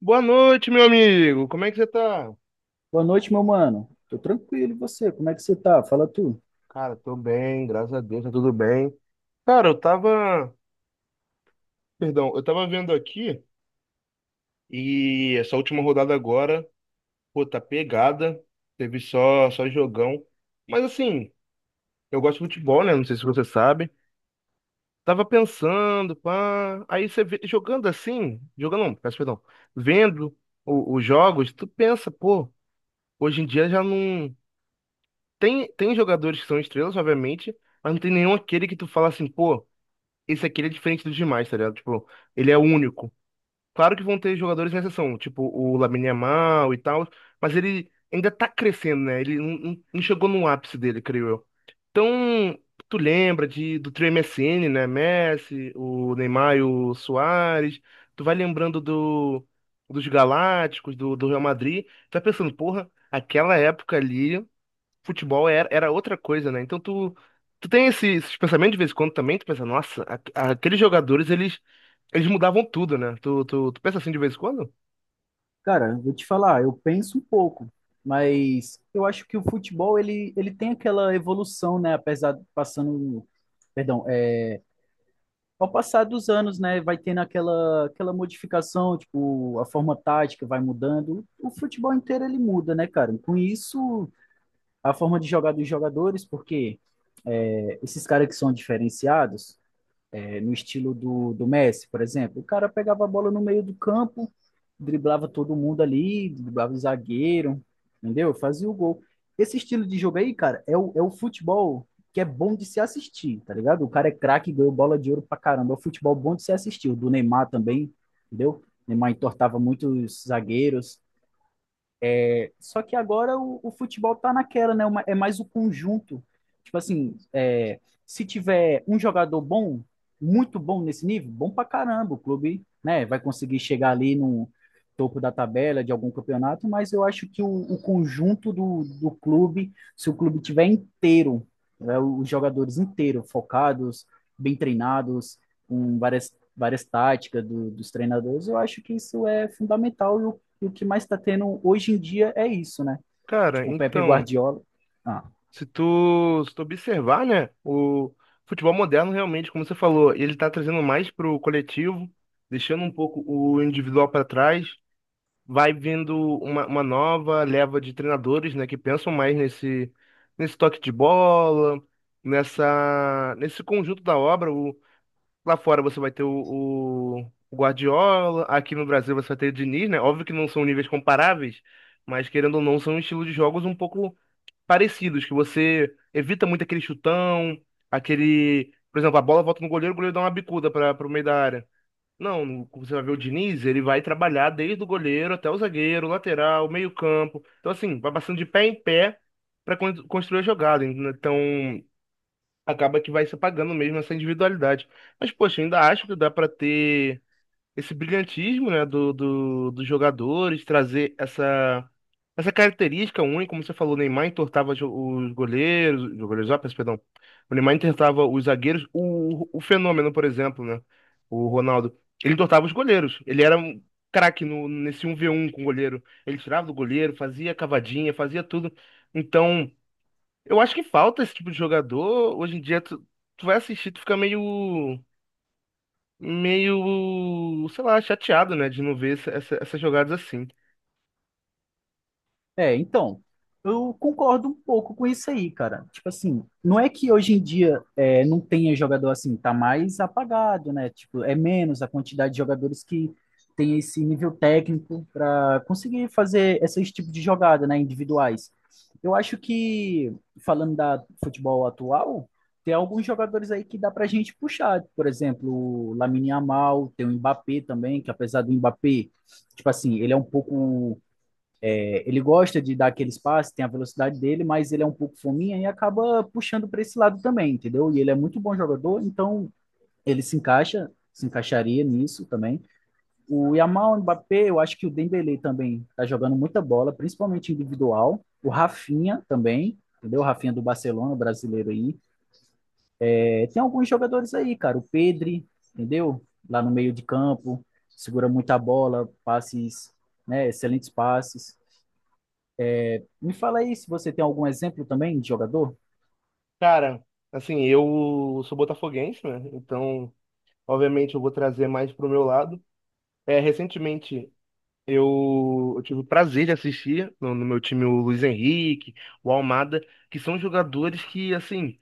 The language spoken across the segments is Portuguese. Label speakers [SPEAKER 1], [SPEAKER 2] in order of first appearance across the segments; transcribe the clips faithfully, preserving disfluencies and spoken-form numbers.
[SPEAKER 1] Boa noite, meu amigo. Como é que você tá?
[SPEAKER 2] Boa noite, meu mano. Tô tranquilo, e você? Como é que você tá? Fala tu.
[SPEAKER 1] Cara, tô bem, graças a Deus, tá tudo bem. Cara, eu tava, perdão, eu tava vendo aqui e essa última rodada agora, pô, tá pegada. Teve só só jogão. Mas assim, eu gosto de futebol, né? Não sei se você sabe. Tava pensando, pá, aí você vê, jogando assim, jogando não, peço perdão, vendo o- os jogos, tu pensa, pô, hoje em dia já não. Tem, tem jogadores que são estrelas, obviamente, mas não tem nenhum aquele que tu fala assim, pô, esse aqui ele é diferente dos demais, tá ligado? Tipo, ele é único. Claro que vão ter jogadores em exceção, tipo o Lamine Yamal e tal, mas ele ainda tá crescendo, né? Ele não, não não chegou no ápice dele, creio eu. Então, tu lembra de, do trio M S N, né? Messi, o Neymar e o Suárez. Tu vai lembrando do, dos Galácticos, do, do Real Madrid. Tu vai pensando, porra, aquela época ali futebol era, era outra coisa, né? Então tu, tu tem esse- esses pensamentos de vez em quando também, tu pensa, nossa, a- aqueles jogadores, eles, eles mudavam tudo, né? Tu, tu, tu pensa assim de vez em quando?
[SPEAKER 2] Cara, eu vou te falar, eu penso um pouco, mas eu acho que o futebol ele, ele tem aquela evolução, né? Apesar de passando, perdão, Ao passar dos anos, né, vai tendo aquela, aquela modificação, tipo, a forma tática vai mudando. O futebol inteiro ele muda, né, cara? Com isso, a forma de jogar dos jogadores, porque é, esses caras que são diferenciados, é, no estilo do, do Messi, por exemplo. O cara pegava a bola no meio do campo, driblava todo mundo ali, driblava o zagueiro, entendeu? Fazia o gol. Esse estilo de jogo aí, cara, é o, é o futebol que é bom de se assistir, tá ligado? O cara é craque, ganhou bola de ouro pra caramba. É o futebol bom de se assistir. O do Neymar também, entendeu? O Neymar entortava muitos zagueiros, só que agora o, o futebol tá naquela, né? Uma- é mais o conjunto. Tipo assim, é, se tiver um jogador bom, muito bom nesse nível, bom pra caramba, o clube, né, vai conseguir chegar ali no topo da tabela de algum campeonato, mas eu acho que o, o conjunto do, do clube, se o clube tiver inteiro, né, os jogadores inteiros, focados, bem treinados, com várias, várias táticas do- dos treinadores, eu acho que isso é fundamental e o e o que mais está tendo hoje em dia é isso, né?
[SPEAKER 1] Cara,
[SPEAKER 2] Tipo, o Pepe
[SPEAKER 1] então,
[SPEAKER 2] Guardiola. Ah,
[SPEAKER 1] se tu, se tu observar, né, o futebol moderno realmente, como você falou, ele tá trazendo mais pro coletivo, deixando um pouco o individual para trás, vai vindo uma, uma nova leva de treinadores, né, que pensam mais nesse, nesse toque de bola, nessa, nesse conjunto da obra. Lá fora você vai ter o, o- o Guardiola, aqui no Brasil você vai ter o Diniz, né? Óbvio que não são níveis comparáveis, mas querendo ou não, são estilos de jogos um pouco parecidos, que você evita muito aquele chutão, aquele. Por exemplo, a bola volta no goleiro, o goleiro dá uma bicuda para o meio da área. Não, você vai ver o Diniz, ele vai trabalhar desde o goleiro até o zagueiro, lateral, meio campo. Então, assim, vai passando de pé em pé para construir a jogada. Então, acaba que vai se apagando mesmo essa individualidade. Mas, poxa, eu ainda acho que dá para ter esse brilhantismo, né, do, do, dos jogadores, trazer essa, essa característica única, como você falou, o Neymar entortava jo- os goleiros, os goleiros, ó, peço perdão, o Neymar entortava os zagueiros, o, o Fenômeno, por exemplo, né, o Ronaldo, ele entortava os goleiros, ele era um craque no, nesse um v um com o goleiro, ele tirava do goleiro, fazia cavadinha, fazia tudo, então. Eu acho que falta esse tipo de jogador. Hoje em dia, tu, tu vai assistir, tu fica meio, meio, sei lá, chateado, né, de não ver essa- essa- essas jogadas assim.
[SPEAKER 2] é, então, eu concordo um pouco com isso aí, cara. Tipo assim, não é que hoje em dia é, não tenha jogador assim, tá mais apagado, né? Tipo, é menos a quantidade de jogadores que tem esse nível técnico para conseguir fazer esses tipos de jogada, né, individuais. Eu acho que, falando da futebol atual, tem alguns jogadores aí que dá pra gente puxar. Por exemplo, o Lamine Yamal, tem o Mbappé também, que apesar do Mbappé, tipo assim, ele é um pouco ele gosta de dar aqueles passes tem a velocidade dele, mas ele é um pouco fominha e acaba puxando para esse lado também, entendeu? E ele é muito bom jogador, então ele se encaixa, se encaixaria nisso também. O Yamal o Mbappé, eu acho que o Dembélé também tá jogando muita bola, principalmente individual. O Rafinha também, entendeu? O Rafinha do Barcelona, brasileiro aí. É, tem alguns jogadores aí, cara. O Pedri, entendeu? Lá no meio de campo, segura muita bola, passes, né? Excelentes passes. Me fala aí se você tem algum exemplo também de jogador.
[SPEAKER 1] Cara, assim, eu sou botafoguense, né? Então, obviamente, eu vou trazer mais pro meu lado. É, recentemente, eu, eu tive o prazer de assistir no, no meu time o Luiz Henrique, o Almada, que são jogadores que, assim.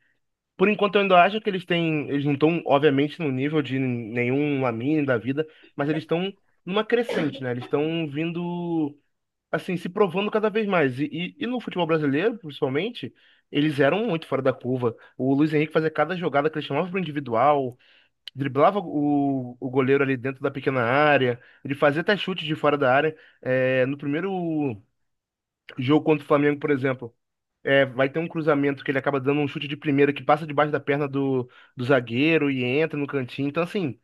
[SPEAKER 1] Por enquanto, eu ainda acho que eles têm. Eles não estão, obviamente, no nível de nenhum Lamine da vida, mas eles estão numa crescente, né? Eles estão vindo, assim, se provando cada vez mais. E, e, e no futebol brasileiro, principalmente, eles eram muito fora da curva. O Luiz Henrique fazia cada jogada que ele chamava para o individual, driblava o, o goleiro ali dentro da pequena área, ele fazia até chute de fora da área. É, no primeiro jogo contra o Flamengo, por exemplo. É, vai ter um cruzamento que ele acaba dando um chute de primeira que passa debaixo da perna do, do zagueiro e entra no cantinho. Então, assim,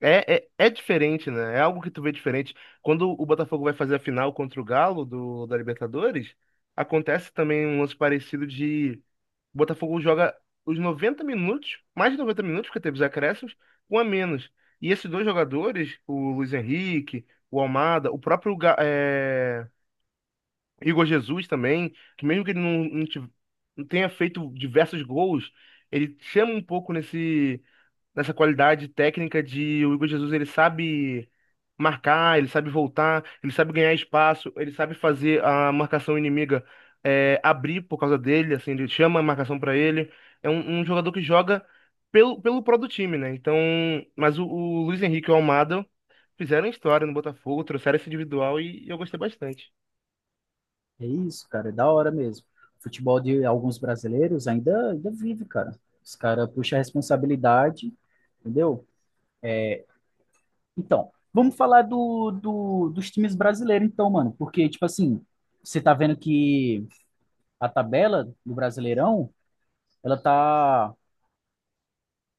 [SPEAKER 1] é, é, é diferente, né? É algo que tu vê diferente. Quando o Botafogo vai fazer a final contra o Galo do, da Libertadores, acontece também um lance parecido de o Botafogo joga os noventa minutos, mais de 90 minutos, porque teve os acréscimos, um a menos. E esses dois jogadores, o Luiz Henrique, o Almada, o próprio Ga- é, Igor Jesus também, que mesmo que ele não, não tive- não tenha feito diversos gols, ele chama um pouco nesse, nessa qualidade técnica de o Igor Jesus, ele sabe marcar, ele sabe voltar, ele sabe ganhar espaço, ele sabe fazer a marcação inimiga é, abrir por causa dele, assim, ele chama a marcação para ele. É um um jogador que joga pelo, pelo pró do time, né? Então, mas o, o Luiz Henrique e o Almada fizeram história no Botafogo, trouxeram esse individual e eu gostei bastante.
[SPEAKER 2] É isso, cara, é da hora mesmo. Futebol de alguns brasileiros ainda, ainda vive, cara. Os caras puxam a responsabilidade, entendeu? Então, vamos falar do, do- dos times brasileiros, então, mano. Porque, tipo assim, você tá vendo que a tabela do Brasileirão, ela tá.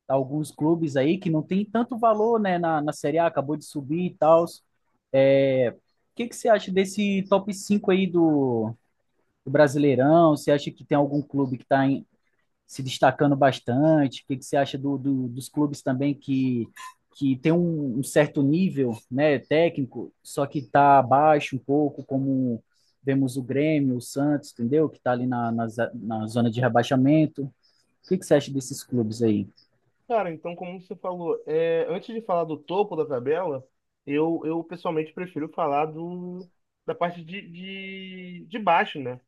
[SPEAKER 2] tá Alguns clubes aí que não tem tanto valor, né, na, na Série A, acabou de subir e tal. É, o que que você acha desse top cinco aí do, do Brasileirão? Você acha que tem algum clube que está se destacando bastante? O que, que você acha do, do- dos clubes também que, que tem um, um certo nível, né, técnico, só que está abaixo um pouco, como vemos o Grêmio, o Santos, entendeu? Que está ali na, na, za- na zona de rebaixamento. O que, que você acha desses clubes aí?
[SPEAKER 1] Cara, então, como você falou, é, antes de falar do topo da tabela, eu, eu pessoalmente prefiro falar do, da parte de, de, de baixo, né?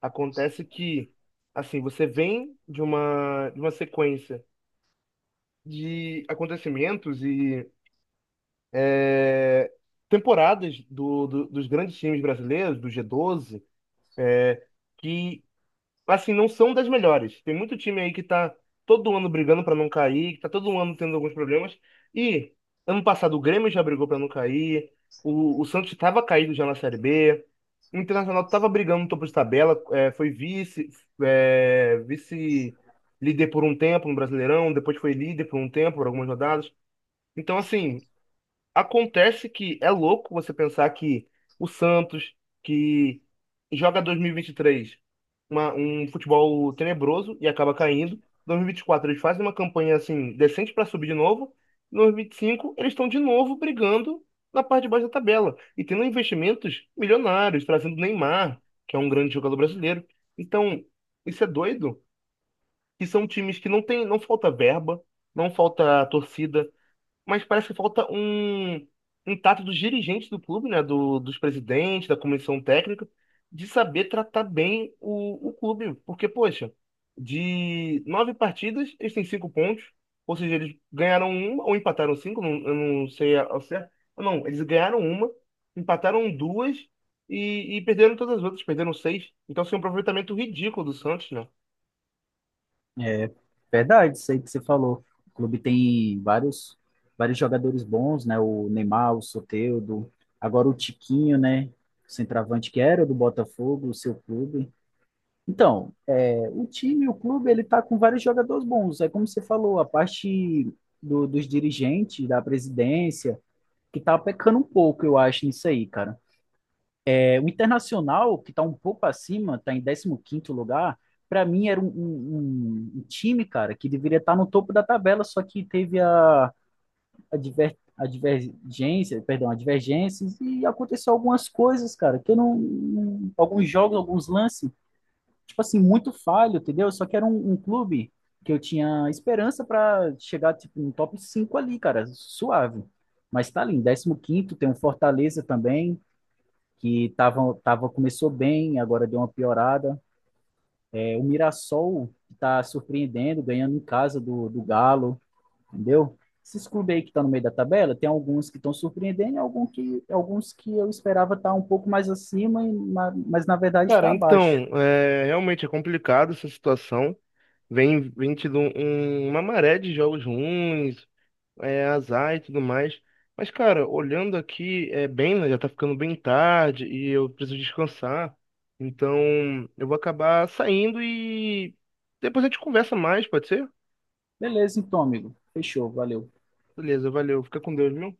[SPEAKER 1] Acontece que, assim, você vem de uma, de uma sequência de acontecimentos e é, temporadas do, do- dos grandes times brasileiros, do G doze, que assim, não são das melhores. Tem muito time aí que tá todo ano brigando pra não cair, que tá todo ano tendo alguns problemas. E ano passado o Grêmio já brigou pra não cair, o, o Santos tava caído já na Série B, o Internacional tava brigando no topo de tabela, é, foi vice, é, vice-líder por um tempo no Brasileirão, depois foi líder por um tempo, por algumas rodadas. Então, assim, acontece que é louco você pensar que o Santos, que joga dois mil e vinte e três uma- um futebol tenebroso e acaba caindo, dois mil e vinte e quatro eles fazem uma campanha assim decente para subir de novo, em dois mil e vinte e cinco eles estão de novo brigando na parte de baixo da tabela e tendo investimentos milionários, trazendo Neymar, que é um grande jogador brasileiro. Então, isso é doido, que são times que não tem, não falta verba, não falta torcida, mas parece que falta um, um tato dos dirigentes do clube, né? Do, dos presidentes, da comissão técnica, de saber tratar bem o, o clube. Porque, poxa, de nove partidas, eles têm cinco pontos. Ou seja, eles ganharam uma ou empataram cinco, não, eu não sei ao certo. Não, eles ganharam uma, empataram duas e, e perderam todas as outras, perderam seis. Então, assim, um aproveitamento ridículo do Santos, né?
[SPEAKER 2] É verdade, isso aí que você falou. O clube tem vários, vários jogadores bons, né? O Neymar, o Soteldo, agora o Tiquinho, né? O centroavante que era do Botafogo, o seu clube. Então, é, o time, o clube, ele tá com vários jogadores bons. É como você falou, a parte do- dos dirigentes, da presidência, que tá pecando um pouco, eu acho, nisso aí, cara. É, o Internacional, que está um pouco acima, está em décimo quinto lugar, para mim era um, um- um um time, cara, que deveria estar no topo da tabela, só que teve a, a, diver- a divergência, perdão, a divergência e aconteceu algumas coisas, cara, que eu não, não- alguns jogos, alguns lances, tipo assim, muito falho, entendeu? Só que era um, um clube que eu tinha esperança para chegar, tipo, no top cinco ali, cara, suave. Mas tá ali, em décimo quinto, tem o Fortaleza também, que tava, tava, começou bem, agora deu uma piorada. É, o Mirassol está surpreendendo, ganhando em casa do, do Galo, entendeu? Esses clubes aí que estão tá no meio da tabela, tem alguns que estão surpreendendo, e alguns que, alguns que eu esperava estar tá um pouco mais acima, mas na verdade
[SPEAKER 1] Cara,
[SPEAKER 2] está abaixo.
[SPEAKER 1] então, é, realmente é complicado essa situação. Vem, vem tido um- um, uma maré de jogos ruins, é, azar e tudo mais. Mas, cara, olhando aqui, é bem, né, já tá ficando bem tarde e eu preciso descansar. Então, eu vou acabar saindo e depois a gente conversa mais, pode ser?
[SPEAKER 2] Beleza, então, amigo. Fechou, valeu.
[SPEAKER 1] Beleza, valeu. Fica com Deus, meu.